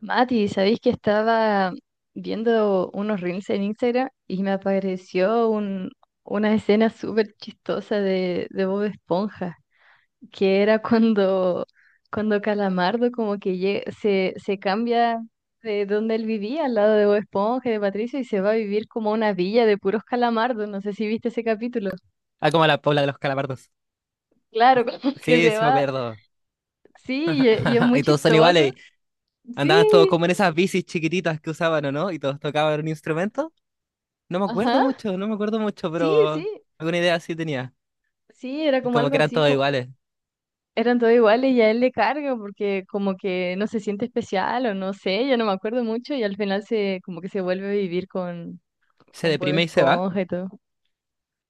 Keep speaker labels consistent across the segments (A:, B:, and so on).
A: Mati, ¿sabéis que estaba viendo unos reels en Instagram y me apareció una escena súper chistosa de Bob Esponja, que era cuando Calamardo como que se cambia de donde él vivía, al lado de Bob Esponja y de Patricio, y se va a vivir como a una villa de puros calamardos. No sé si viste ese capítulo.
B: Ah, como la Paula de los Calabardos.
A: Claro, como que
B: Sí,
A: se
B: sí me
A: va.
B: acuerdo.
A: Sí, y es muy
B: Y todos son
A: chistoso.
B: iguales. Andaban todos
A: Sí,
B: como en esas bicis chiquititas que usaban, ¿o no? Y todos tocaban un instrumento. No me acuerdo
A: ajá,
B: mucho, no me acuerdo mucho,
A: sí,
B: pero
A: sí.
B: alguna idea sí tenía.
A: Sí, era
B: Y
A: como
B: como
A: algo
B: que eran
A: así,
B: todos iguales.
A: eran todos iguales y a él le carga porque como que no se siente especial o no sé, ya no me acuerdo mucho y al final se como que se vuelve a vivir con,
B: Se
A: con Bob
B: deprime y se va.
A: Esponja y todo.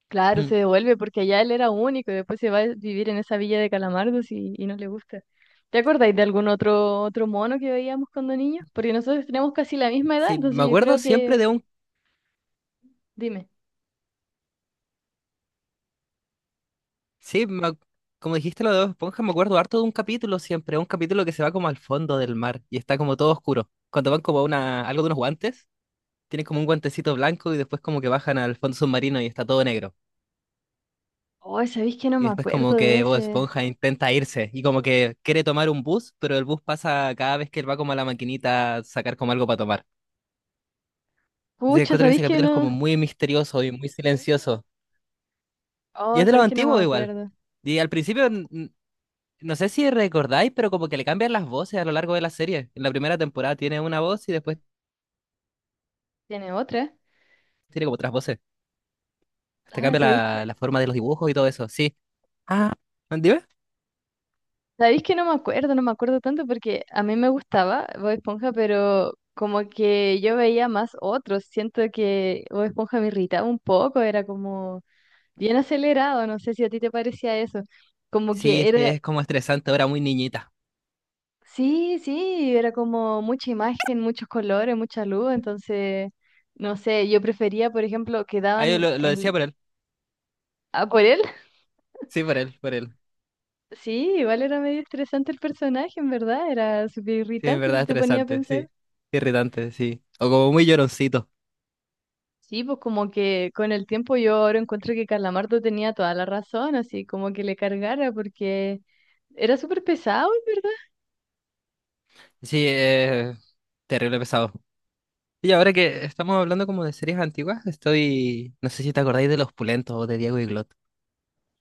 A: Claro,
B: Hmm.
A: se devuelve porque allá él era único y después se va a vivir en esa villa de Calamardos y no le gusta. ¿Te acordáis de algún otro mono que veíamos cuando niños? Porque nosotros tenemos casi la misma edad,
B: Sí, me
A: entonces yo
B: acuerdo
A: creo
B: siempre
A: que...
B: de un...
A: Dime.
B: Sí, me ac- Como dijiste lo de Bob Esponja, me acuerdo harto de un capítulo siempre. Un capítulo que se va como al fondo del mar y está como todo oscuro. Cuando van como a una... algo de unos guantes, tienen como un guantecito blanco y después como que bajan al fondo submarino y está todo negro.
A: Oh, ¿sabéis que no
B: Y
A: me
B: después como
A: acuerdo de
B: que Bob
A: ese?
B: Esponja intenta irse y como que quiere tomar un bus, pero el bus pasa cada vez que él va como a la maquinita a sacar como algo para tomar. Entonces
A: Pucha,
B: encuentro que ese
A: ¿sabéis que
B: capítulo es
A: no?
B: como muy misterioso y muy silencioso. Y
A: Oh,
B: es de lo
A: ¿sabéis que no
B: antiguo
A: me
B: igual.
A: acuerdo?
B: Y al principio, no sé si recordáis, pero como que le cambian las voces a lo largo de la serie. En la primera temporada tiene una voz y después
A: ¿Tiene otra?
B: tiene como otras voces. Hasta
A: Ah,
B: cambia
A: ¿sabéis que...?
B: la, la forma de los dibujos y todo eso. Sí. Ah, ¿dime?
A: Sabéis que no me acuerdo, no me acuerdo tanto porque a mí me gustaba Bob Esponja, pero como que yo veía más otros. Siento que Bob Esponja me irritaba un poco, era como bien acelerado, no sé si a ti te parecía eso. Como
B: Sí,
A: que
B: sí,
A: era,
B: es como estresante ahora, muy niñita.
A: sí, sí, era como mucha imagen, muchos colores, mucha luz, entonces, no sé, yo prefería, por ejemplo, que
B: Ah, yo
A: daban
B: lo decía
A: el...
B: por él.
A: ¿A por él?
B: Sí, por él, por él.
A: Sí, igual era medio estresante el personaje, en verdad, era súper
B: Sí, en
A: irritante
B: verdad
A: si te ponía a
B: estresante,
A: pensar.
B: sí. Irritante, sí. O como muy lloroncito.
A: Sí, pues como que con el tiempo yo ahora encuentro que Calamardo tenía toda la razón, así como que le cargara porque era súper pesado, en ¿verdad?
B: Sí, terrible pesado. Y ahora que estamos hablando como de series antiguas, estoy... No sé si te acordáis de Los Pulentos o de Diego y Glot.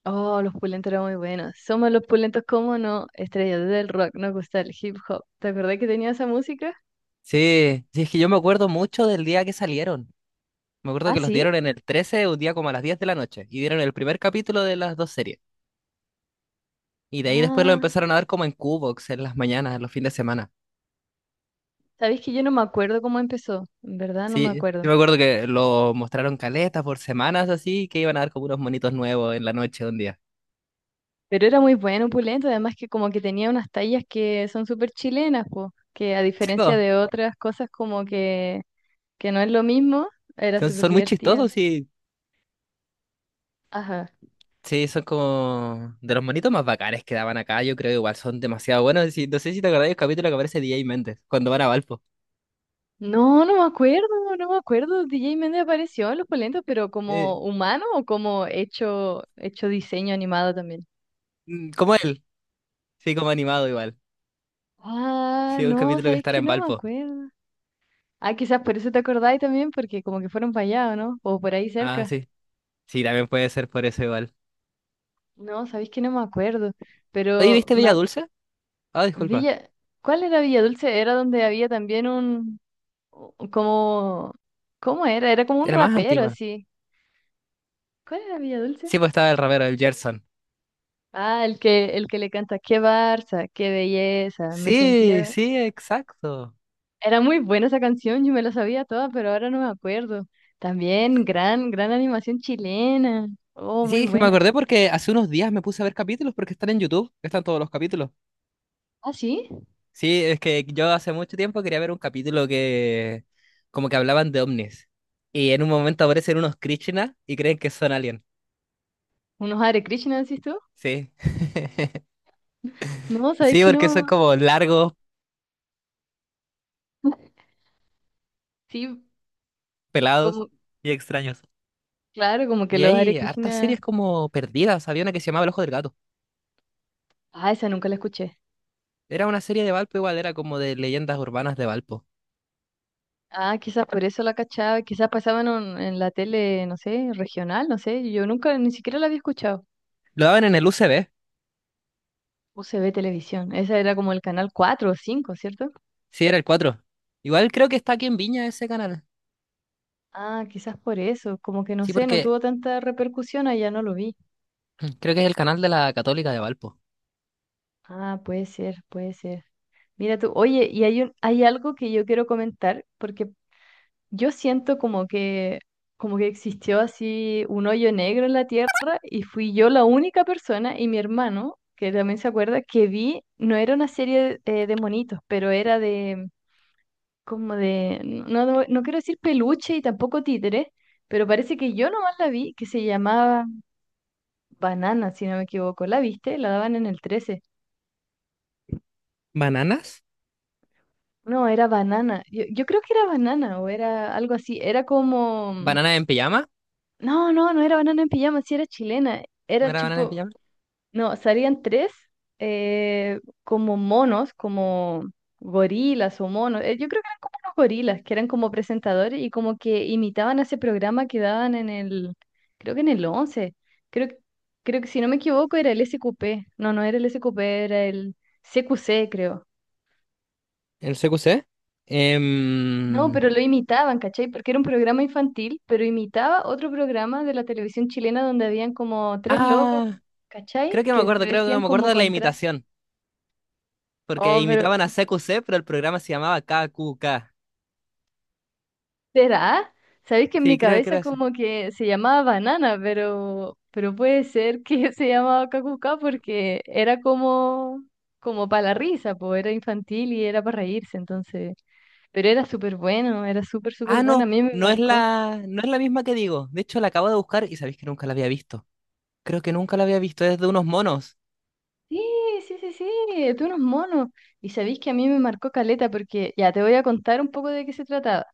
A: Oh, los pulentos eran muy buenos. Somos los pulentos, como no? Estrellas del rock, nos gusta el hip hop. ¿Te acordás que tenía esa música?
B: Sí, sí, es que yo me acuerdo mucho del día que salieron. Me acuerdo
A: Ah,
B: que los dieron
A: sí.
B: en el 13 un día como a las 10 de la noche, y dieron el primer capítulo de las dos series. Y de ahí después lo
A: Ah,
B: empezaron a dar como en Qbox, en las mañanas, en los fines de semana.
A: sabéis que yo no me acuerdo cómo empezó, en verdad no me
B: Sí, sí
A: acuerdo.
B: me acuerdo que lo mostraron caleta por semanas así, que iban a dar como unos monitos nuevos en la noche un día.
A: Pero era muy bueno, pulento, además que como que tenía unas tallas que son súper chilenas, pues, que a
B: Sí,
A: diferencia
B: po,
A: de otras cosas como que no es lo mismo, era
B: son,
A: súper
B: son muy
A: divertida.
B: chistosos y
A: Ajá.
B: sí, son como de los monitos más bacanes que daban acá, yo creo igual son demasiado buenos. Sí, no sé si te acordás del capítulo que aparece DJ Méndez cuando van a Valpo.
A: No, no me acuerdo, no me acuerdo. DJ Méndez apareció en Los Polentos, pero como
B: Eh,
A: humano o como hecho diseño animado también.
B: Como él, sí, como animado igual.
A: Ah,
B: Sí, un
A: no,
B: capítulo que
A: ¿sabes
B: estará
A: que
B: en
A: no me
B: Valpo.
A: acuerdo? Ah, quizás por eso te acordáis también, porque como que fueron para allá, ¿o no? O por ahí
B: Ah,
A: cerca.
B: sí. Sí, también puede ser por eso igual.
A: No, ¿sabéis que no me acuerdo?
B: Oye,
A: Pero
B: ¿viste Bella Dulce? Ah, disculpa.
A: Villa, ¿cuál era Villa Dulce? Era donde había también un, como, ¿cómo era? Era como un
B: Era más
A: rapero
B: antigua.
A: así. ¿Cuál era Villa Dulce?
B: Sí, pues estaba el rapero, el Gerson.
A: Ah, el que le canta, qué Barça, qué belleza, me
B: Sí,
A: sentía...
B: sí, exacto.
A: Era muy buena esa canción, yo me la sabía toda, pero ahora no me acuerdo. También, gran, gran animación chilena. Oh, muy
B: Sí, es que me acordé
A: buena.
B: porque hace unos días me puse a ver capítulos porque están en YouTube, están todos los capítulos.
A: Ah, ¿sí?
B: Sí, es que yo hace mucho tiempo quería ver un capítulo que como que hablaban de ovnis. Y en un momento aparecen unos Krishna y creen que son alien.
A: ¿Unos Hare Krishna, decís tú?
B: Sí.
A: No, ¿sabes
B: Sí,
A: que
B: porque son
A: no?
B: como largos,
A: Sí,
B: pelados
A: como,
B: y extraños.
A: claro, como que
B: Y
A: los Hare
B: hay hartas
A: Krishna...
B: series como perdidas. Había una que se llamaba El Ojo del Gato.
A: Ah, esa nunca la escuché.
B: Era una serie de Valpo, igual era como de leyendas urbanas de Valpo.
A: Ah, quizás por eso la cachaba, quizás pasaban en la tele, no sé, regional, no sé, yo nunca, ni siquiera la había escuchado.
B: Lo daban en el UCB.
A: UCB Televisión, esa era como el canal 4 o 5, ¿cierto?
B: Sí, era el 4. Igual creo que está aquí en Viña ese canal.
A: Ah, quizás por eso, como que no
B: Sí,
A: sé, no
B: porque
A: tuvo tanta repercusión, allá no lo vi.
B: creo que es el canal de la Católica de Valpo.
A: Ah, puede ser, puede ser. Mira tú, oye, y hay un, hay algo que yo quiero comentar, porque yo siento como que existió así un hoyo negro en la tierra y fui yo la única persona y mi hermano, que también se acuerda, que vi, no era una serie de monitos, pero era de, como de, no, no no quiero decir peluche y tampoco títere, pero parece que yo nomás la vi, que se llamaba... Banana, si no me equivoco. ¿La viste? La daban en el 13.
B: ¿Bananas?
A: No, era Banana. Yo creo que era Banana o era algo así. Era como...
B: ¿Bananas en pijama?
A: No, no, no era Banana en pijama, sí era chilena.
B: ¿No
A: Era
B: era Banana en
A: tipo...
B: Pijama?
A: No, salían tres como monos, como gorilas o monos. Yo creo que eran como unos gorilas, que eran como presentadores y como que imitaban ese programa que daban en el... Creo que en el 11. Creo, creo que si no me equivoco era el SQP. No, no era el SQP, era el... CQC, creo.
B: El CQC.
A: No,
B: Em,
A: pero lo imitaban, ¿cachai? Porque era un programa infantil, pero imitaba otro programa de la televisión chilena donde habían como tres locos,
B: ah, Creo
A: ¿cachai?
B: que me
A: Que se
B: acuerdo, creo que
A: vestían
B: me acuerdo
A: como
B: de la
A: con traje.
B: imitación. Porque
A: Oh, pero
B: imitaban a CQC, pero el programa se llamaba KQK.
A: ¿será? Sabéis que en mi
B: Sí, creo que
A: cabeza
B: era así.
A: como que se llamaba Banana, pero puede ser que se llamaba Kakuka porque era como para la risa, pues era infantil y era para reírse, entonces. Pero era súper bueno, era súper, súper
B: Ah,
A: bueno, a
B: no,
A: mí me
B: no es
A: marcó.
B: la, no es la misma que digo. De hecho, la acabo de buscar y sabéis que nunca la había visto. Creo que nunca la había visto, es de unos monos,
A: Sí, sí, sí, sí, tú unos monos. Y sabéis que a mí me marcó caleta porque ya te voy a contar un poco de qué se trataba.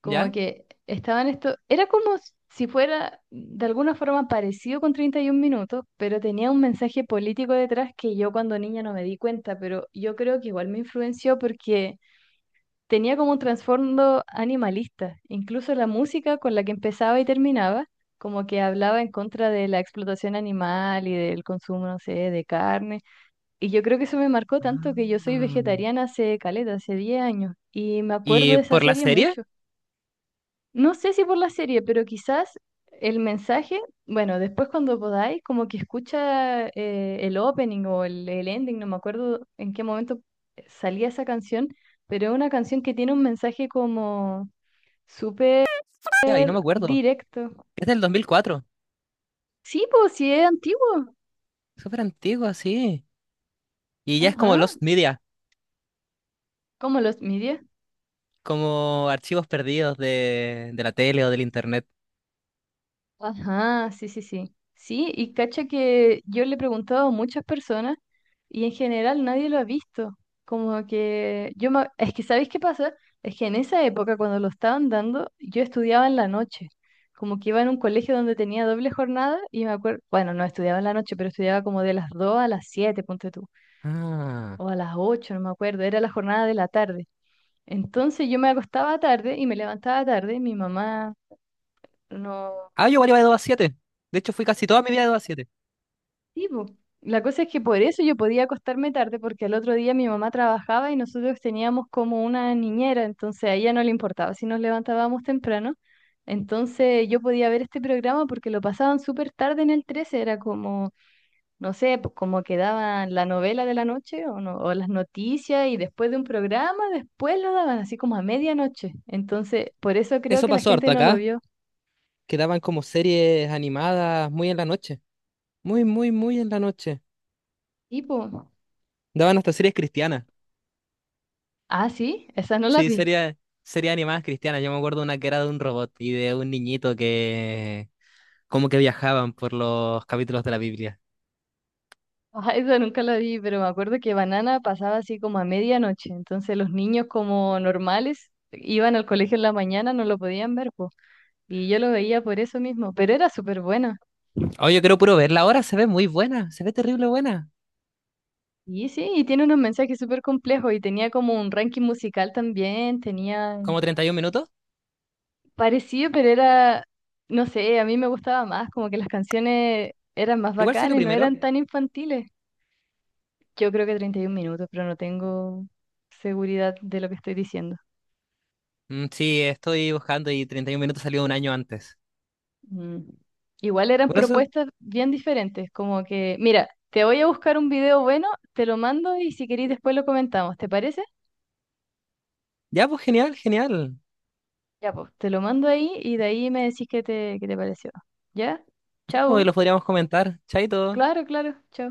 A: Como
B: ¿ya?
A: que estaban esto, era como si fuera de alguna forma parecido con 31 minutos, pero tenía un mensaje político detrás que yo cuando niña no me di cuenta, pero yo creo que igual me influenció porque tenía como un trasfondo animalista. Incluso la música con la que empezaba y terminaba, como que hablaba en contra de la explotación animal y del consumo, no sé, de carne y yo creo que eso me marcó tanto que yo soy
B: Ah.
A: vegetariana hace caleta, hace 10 años, y me acuerdo
B: ¿Y
A: de esa
B: por la
A: serie
B: serie?
A: mucho. No sé si por la serie, pero quizás el mensaje, bueno, después cuando podáis, como que escucha el opening o el ending, no me acuerdo en qué momento salía esa canción, pero es una canción que tiene un mensaje como súper
B: Ya, ahí no me acuerdo.
A: directo.
B: Es del 2004.
A: Sí, pues sí es antiguo.
B: Súper antigua, sí. Y ya es como
A: Ajá,
B: Lost Media.
A: como los medios.
B: Como archivos perdidos de la tele o del internet.
A: Ajá, sí, sí, sí. Sí, y cacha que yo le he preguntado a muchas personas y en general nadie lo ha visto. Como que es que ¿sabéis qué pasa? Es que en esa época cuando lo estaban dando, yo estudiaba en la noche. Como que iba en un colegio donde tenía doble jornada y me acuerdo, bueno, no estudiaba en la noche, pero estudiaba como de las 2 a las 7 ponte tú,
B: Ah.
A: o a las 8 no me acuerdo, era la jornada de la tarde. Entonces yo me acostaba tarde y me levantaba tarde, mi mamá no.
B: Ah, yo igual iba de 2 a 7. De hecho, fui casi toda mi vida de 2 a 7.
A: Sí, po. La cosa es que por eso yo podía acostarme tarde, porque al otro día mi mamá trabajaba y nosotros teníamos como una niñera, entonces a ella no le importaba si nos levantábamos temprano. Entonces yo podía ver este programa porque lo pasaban súper tarde en el 13, era como, no sé, como que daban la novela de la noche o, o las noticias y después de un programa, después lo daban así como a medianoche. Entonces, por eso creo
B: Eso
A: que la
B: pasó
A: gente
B: harto
A: no lo
B: acá,
A: vio.
B: que daban como series animadas muy en la noche. Muy, muy, muy en la noche.
A: Tipo,
B: Daban hasta series cristianas.
A: ah, sí, esa no la
B: Sí,
A: vi.
B: series, series animadas cristianas. Yo me acuerdo una que era de un robot y de un niñito que como que viajaban por los capítulos de la Biblia.
A: Ajá, eso nunca lo vi, pero me acuerdo que Banana pasaba así como a medianoche, entonces los niños como normales iban al colegio en la mañana, no lo podían ver, po, y yo lo veía por eso mismo, pero era súper bueno.
B: Oye, yo quiero puro verla ahora, se ve muy buena, se ve terrible buena.
A: Y sí, y tiene unos mensajes súper complejos y tenía como un ranking musical también, tenía
B: ¿Como 31 minutos?
A: parecido, pero era, no sé, a mí me gustaba más, como que las canciones eran más
B: Igual sé lo
A: bacanas, no
B: primero.
A: eran tan infantiles. Yo creo que 31 minutos, pero no tengo seguridad de lo que estoy diciendo.
B: Sí, estoy buscando y 31 minutos salió un año antes.
A: Mm. Igual eran
B: Por eso,
A: propuestas bien diferentes, como que, mira, te voy a buscar un video bueno, te lo mando y si querís después lo comentamos, ¿te parece?
B: ya pues genial, genial.
A: Ya, pues, te lo mando ahí y de ahí me decís qué te pareció. ¿Ya?
B: Ya, pues, lo
A: Chau.
B: podríamos comentar. Chaito.
A: Claro, claro, chau.